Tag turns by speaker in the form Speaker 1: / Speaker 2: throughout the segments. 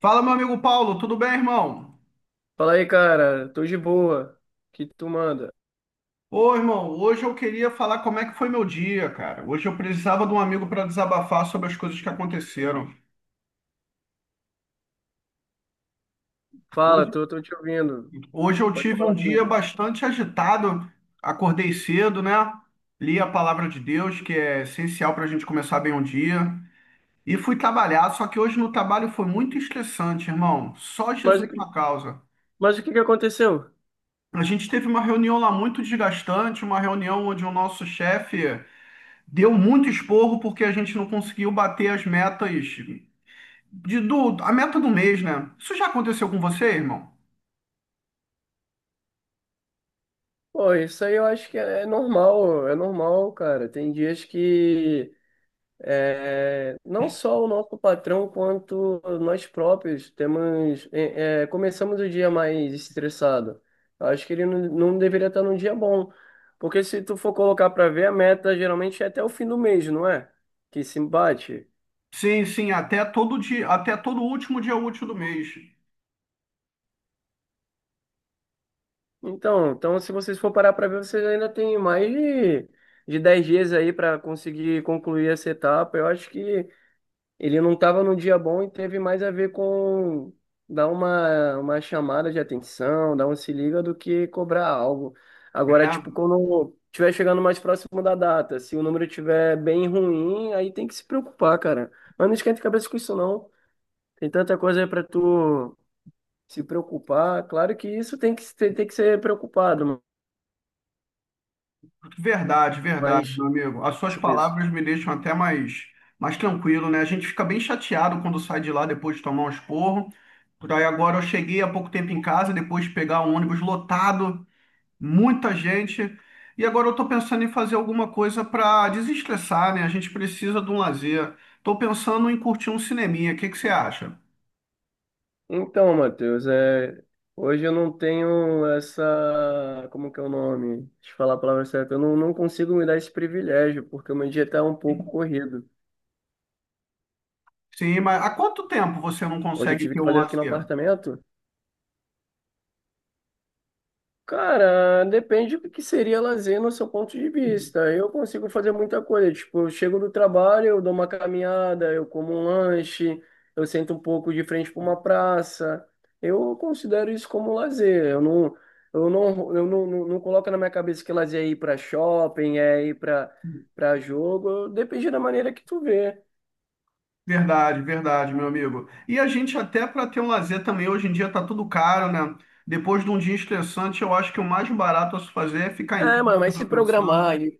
Speaker 1: Fala, meu amigo Paulo, tudo bem, irmão?
Speaker 2: Fala aí, cara. Tô de boa. O que tu manda?
Speaker 1: Ô, irmão, hoje eu queria falar como é que foi meu dia, cara. Hoje eu precisava de um amigo para desabafar sobre as coisas que aconteceram.
Speaker 2: Fala,
Speaker 1: Hoje,
Speaker 2: tô te ouvindo.
Speaker 1: hoje eu
Speaker 2: Pode
Speaker 1: tive um
Speaker 2: falar
Speaker 1: dia
Speaker 2: comigo.
Speaker 1: bastante agitado, acordei cedo, né? Li a palavra de Deus, que é essencial para a gente começar bem um dia. E fui trabalhar, só que hoje no trabalho foi muito estressante, irmão. Só
Speaker 2: Mas,
Speaker 1: Jesus
Speaker 2: o que-
Speaker 1: na causa.
Speaker 2: mas o que que aconteceu?
Speaker 1: A gente teve uma reunião lá muito desgastante, uma reunião onde o nosso chefe deu muito esporro porque a gente não conseguiu bater as metas a meta do mês, né? Isso já aconteceu com você, irmão?
Speaker 2: Pô, isso aí eu acho que é normal, é normal, cara. Tem dias que não só o nosso patrão, quanto nós próprios temos, começamos o dia mais estressado. Eu acho que ele não deveria estar num dia bom. Porque se tu for colocar pra ver, a meta geralmente é até o fim do mês, não é? Que se bate.
Speaker 1: Sim, sim, até todo dia, até todo último dia útil do mês.
Speaker 2: Então, se vocês for parar para ver, vocês ainda têm de 10 dias aí para conseguir concluir essa etapa. Eu acho que ele não estava num dia bom e teve mais a ver com dar uma chamada de atenção, dar um se liga do que cobrar algo.
Speaker 1: É,
Speaker 2: Agora, tipo, quando estiver chegando mais próximo da data, se o número estiver bem ruim, aí tem que se preocupar, cara. Mas não esquenta a cabeça com isso, não. Tem tanta coisa para tu se preocupar. Claro que isso tem que ser preocupado.
Speaker 1: verdade, verdade,
Speaker 2: Mas
Speaker 1: meu amigo. As suas
Speaker 2: isso com isso.
Speaker 1: palavras me deixam até mais tranquilo, né? A gente fica bem chateado quando sai de lá depois de tomar um esporro. Por aí agora eu cheguei há pouco tempo em casa, depois de pegar um ônibus lotado, muita gente. E agora eu estou pensando em fazer alguma coisa para desestressar, né? A gente precisa de um lazer. Estou pensando em curtir um cineminha. O que que você acha?
Speaker 2: Então, Matheus, hoje eu não tenho essa. Como que é o nome? Deixa eu falar a palavra certa. Eu não, Não consigo me dar esse privilégio, porque o meu dia está um pouco corrido.
Speaker 1: Sim, mas há quanto tempo você não
Speaker 2: Hoje eu
Speaker 1: consegue
Speaker 2: tive
Speaker 1: ter
Speaker 2: que
Speaker 1: um
Speaker 2: fazer aqui no
Speaker 1: lazer?
Speaker 2: apartamento. Cara, depende do que seria lazer no seu ponto de vista. Eu consigo fazer muita coisa. Tipo, eu chego do trabalho, eu dou uma caminhada, eu como um lanche, eu sento um pouco de frente para uma praça. Eu considero isso como lazer. Eu não coloco na minha cabeça que lazer é ir para shopping, é ir para jogo. Depende da maneira que tu vê.
Speaker 1: Verdade, verdade, meu amigo. E a gente até para ter um lazer também, hoje em dia tá tudo caro, né? Depois de um dia estressante, eu acho que o mais barato a se fazer é ficar em
Speaker 2: É, mano, mas
Speaker 1: casa
Speaker 2: se
Speaker 1: pensando.
Speaker 2: programar, e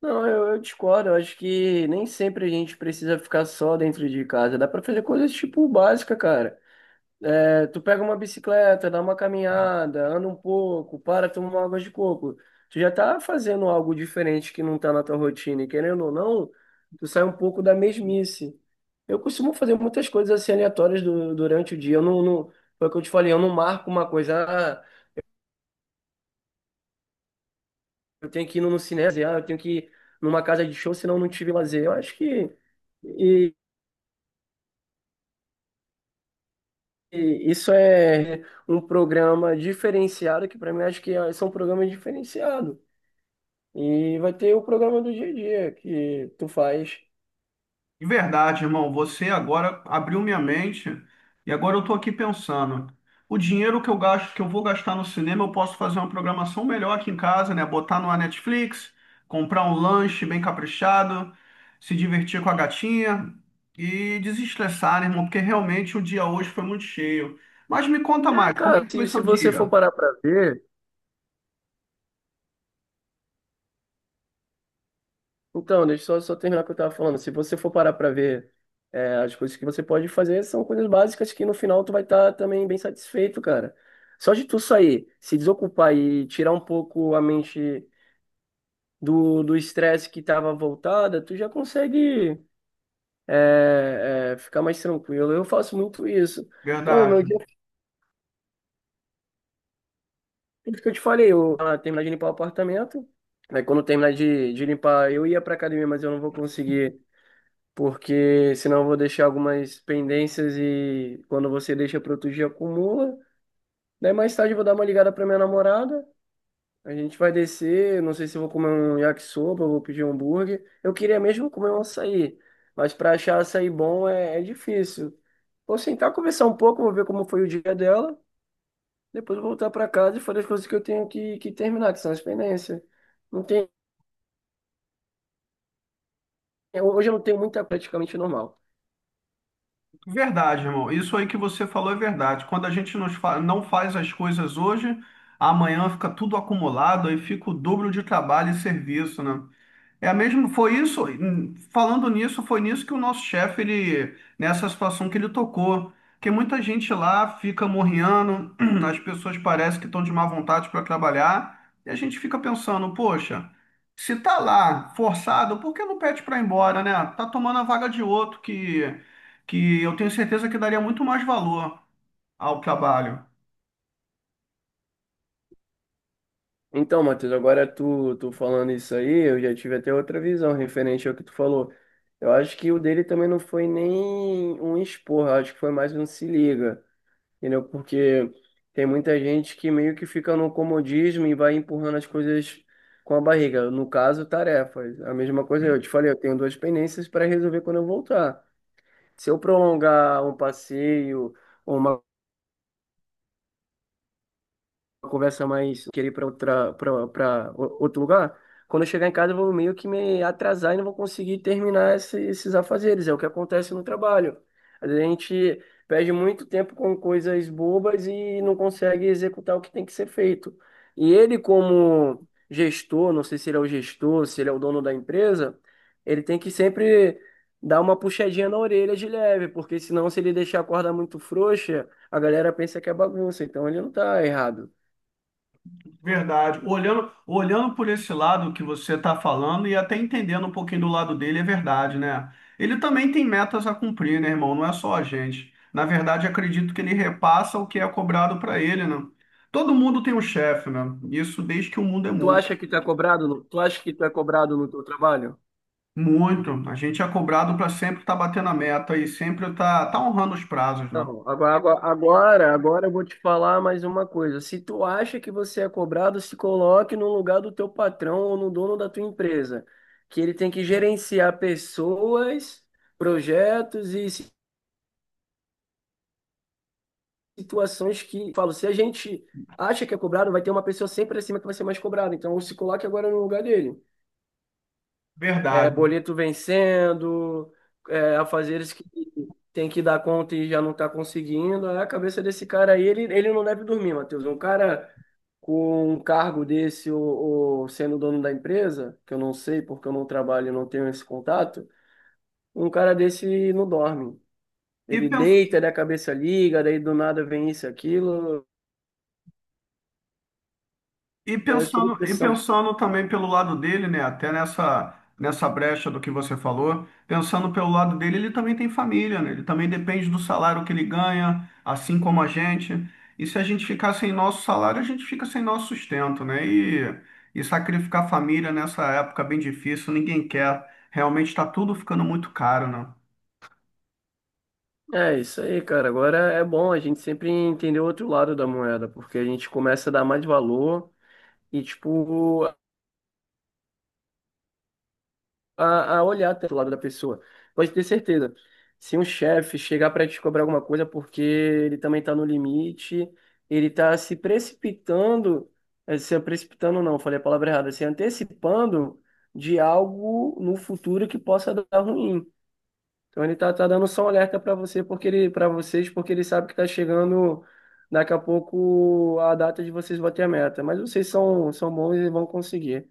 Speaker 2: não, eu discordo. Eu acho que nem sempre a gente precisa ficar só dentro de casa. Dá pra fazer coisas tipo básica, cara. É, tu pega uma bicicleta, dá uma caminhada, anda um pouco, para, toma uma água de coco. Tu já tá fazendo algo diferente que não tá na tua rotina. E querendo ou não, tu sai um pouco da mesmice. Eu costumo fazer muitas coisas assim aleatórias durante o dia. Eu não, não, Foi o que eu te falei, eu não marco uma coisa. Ah, eu tenho que ir no cinema, ah, eu tenho que ir numa casa de show, senão eu não tive lazer. Eu acho que e- e isso é um programa diferenciado, que para mim acho são programas diferenciados. E vai ter o programa do dia a dia que tu faz.
Speaker 1: De verdade, irmão, você agora abriu minha mente e agora eu tô aqui pensando. O dinheiro que eu gasto, que eu vou gastar no cinema, eu posso fazer uma programação melhor aqui em casa, né? Botar numa Netflix, comprar um lanche bem caprichado, se divertir com a gatinha e desestressar, né, irmão? Porque realmente o dia hoje foi muito cheio. Mas me conta
Speaker 2: É,
Speaker 1: mais, como
Speaker 2: cara,
Speaker 1: é que foi
Speaker 2: se
Speaker 1: seu
Speaker 2: você for
Speaker 1: dia?
Speaker 2: parar para ver. Então, deixa eu só terminar o que eu estava falando. Se você for parar para ver, as coisas que você pode fazer são coisas básicas que no final tu vai estar também bem satisfeito, cara. Só de tu sair, se desocupar e tirar um pouco a mente do estresse que estava voltada, tu já consegue, ficar mais tranquilo. Eu faço muito isso. Então, meu dia,
Speaker 1: Verdade.
Speaker 2: tudo que eu te falei, terminar de limpar o apartamento, né, quando eu terminar de limpar, eu ia para academia, mas eu não vou conseguir porque senão eu vou deixar algumas pendências e quando você deixa para outro dia acumula. Daí mais tarde eu vou dar uma ligada para minha namorada. A gente vai descer, não sei se eu vou comer um yakisoba, eu vou pedir um hambúrguer. Eu queria mesmo comer um açaí, mas para achar açaí bom é difícil. Vou sentar, conversar um pouco, vou ver como foi o dia dela, depois eu vou voltar para casa e fazer as coisas que eu que terminar, que são as pendências. Não tem, hoje eu não tenho muita praticamente normal.
Speaker 1: Verdade, irmão. Isso aí que você falou é verdade. Quando a gente não faz as coisas hoje, amanhã fica tudo acumulado, aí fica o dobro de trabalho e serviço, né? É mesmo, foi isso, falando nisso, foi nisso que o nosso chefe, ele, nessa situação que ele tocou, que muita gente lá fica morrendo, as pessoas parecem que estão de má vontade para trabalhar, e a gente fica pensando, poxa, se tá lá forçado, por que não pede para ir embora, né? Tá tomando a vaga de outro que eu tenho certeza que daria muito mais valor ao trabalho.
Speaker 2: Então, Matheus, agora tu falando isso aí, eu já tive até outra visão referente ao que tu falou. Eu acho que o dele também não foi nem um expor, eu acho que foi mais um se liga, entendeu? Porque tem muita gente que meio que fica no comodismo e vai empurrando as coisas com a barriga. No caso, tarefas. A mesma coisa eu te falei, eu tenho duas pendências para resolver quando eu voltar. Se eu prolongar um passeio, ou uma conversa mais, querer ir para outra, para outro lugar, quando eu chegar em casa eu vou meio que me atrasar e não vou conseguir terminar esses afazeres. É o que acontece no trabalho. Às vezes a gente perde muito tempo com coisas bobas e não consegue executar o que tem que ser feito. E ele, como gestor, não sei se ele é o gestor, se ele é o dono da empresa, ele tem que sempre dar uma puxadinha na orelha de leve, porque senão se ele deixar a corda muito frouxa, a galera pensa que é bagunça, então ele não tá errado.
Speaker 1: Verdade. Olhando por esse lado que você está falando e até entendendo um pouquinho do lado dele, é verdade, né? Ele também tem metas a cumprir, né, irmão? Não é só a gente. Na verdade, acredito que ele repassa o que é cobrado para ele, né? Todo mundo tem um chefe, né? Isso desde que o mundo é
Speaker 2: Tu
Speaker 1: mundo.
Speaker 2: acha que tu é cobrado no, tu acha que tu é cobrado no teu trabalho?
Speaker 1: Muito. A gente é cobrado para sempre estar batendo a meta e sempre estar honrando os prazos, né?
Speaker 2: Então, agora agora eu vou te falar mais uma coisa. Se tu acha que você é cobrado, se coloque no lugar do teu patrão ou no dono da tua empresa, que ele tem que gerenciar pessoas, projetos e situações que, falo, se a gente acha que é cobrado, vai ter uma pessoa sempre acima que vai ser mais cobrada. Então, se coloque agora no lugar dele. É,
Speaker 1: Verdade.
Speaker 2: boleto vencendo, é, afazeres que tem que dar conta e já não está conseguindo. Aí a cabeça desse cara aí, ele não deve dormir, Matheus. Um cara com um cargo desse ou sendo dono da empresa, que eu não sei porque eu não trabalho e não tenho esse contato, um cara desse não dorme.
Speaker 1: E
Speaker 2: Ele
Speaker 1: pens-
Speaker 2: deita, daí a cabeça liga, daí do nada vem isso, aquilo,
Speaker 1: E
Speaker 2: é tudo
Speaker 1: pensando, e
Speaker 2: pressão.
Speaker 1: pensando também pelo lado dele, né? Até nessa brecha do que você falou, pensando pelo lado dele, ele também tem família, né? Ele também depende do salário que ele ganha, assim como a gente. E se a gente ficar sem nosso salário, a gente fica sem nosso sustento, né? E sacrificar a família nessa época bem difícil, ninguém quer. Realmente está tudo ficando muito caro, né?
Speaker 2: É isso aí, cara. Agora é bom a gente sempre entender o outro lado da moeda, porque a gente começa a dar mais valor e tipo a olhar até o lado da pessoa. Pode ter certeza. Se um chefe chegar para te cobrar alguma coisa porque ele também está no limite, ele está se precipitando, se precipitando não, falei a palavra errada, se antecipando de algo no futuro que possa dar ruim. Então ele tá dando só um alerta para você porque ele, para vocês porque ele sabe que está chegando daqui a pouco a data de vocês bater a meta. Mas vocês são, são bons e vão conseguir.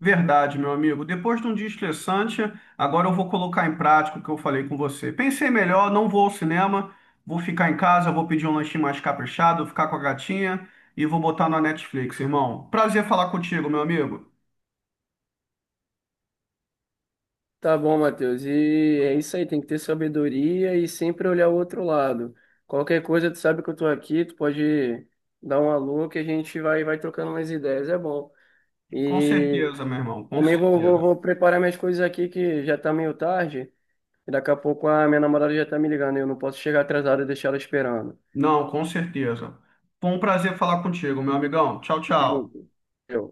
Speaker 1: Verdade, meu amigo. Depois de um dia estressante, agora eu vou colocar em prática o que eu falei com você. Pensei melhor, não vou ao cinema, vou ficar em casa, vou pedir um lanchinho mais caprichado, ficar com a gatinha e vou botar na Netflix, irmão. Prazer falar contigo, meu amigo.
Speaker 2: Tá bom, Matheus. E é isso aí, tem que ter sabedoria e sempre olhar o outro lado. Qualquer coisa, tu sabe que eu tô aqui, tu pode dar um alô que a gente vai trocando umas ideias, é bom.
Speaker 1: Com
Speaker 2: E
Speaker 1: certeza, meu irmão, com
Speaker 2: também
Speaker 1: certeza.
Speaker 2: vou preparar minhas coisas aqui que já tá meio tarde. E daqui a pouco a minha namorada já tá me ligando, e eu não posso chegar atrasado e deixar ela esperando.
Speaker 1: Não, com certeza. Foi um prazer falar contigo, meu amigão. Tchau, tchau.
Speaker 2: Eu.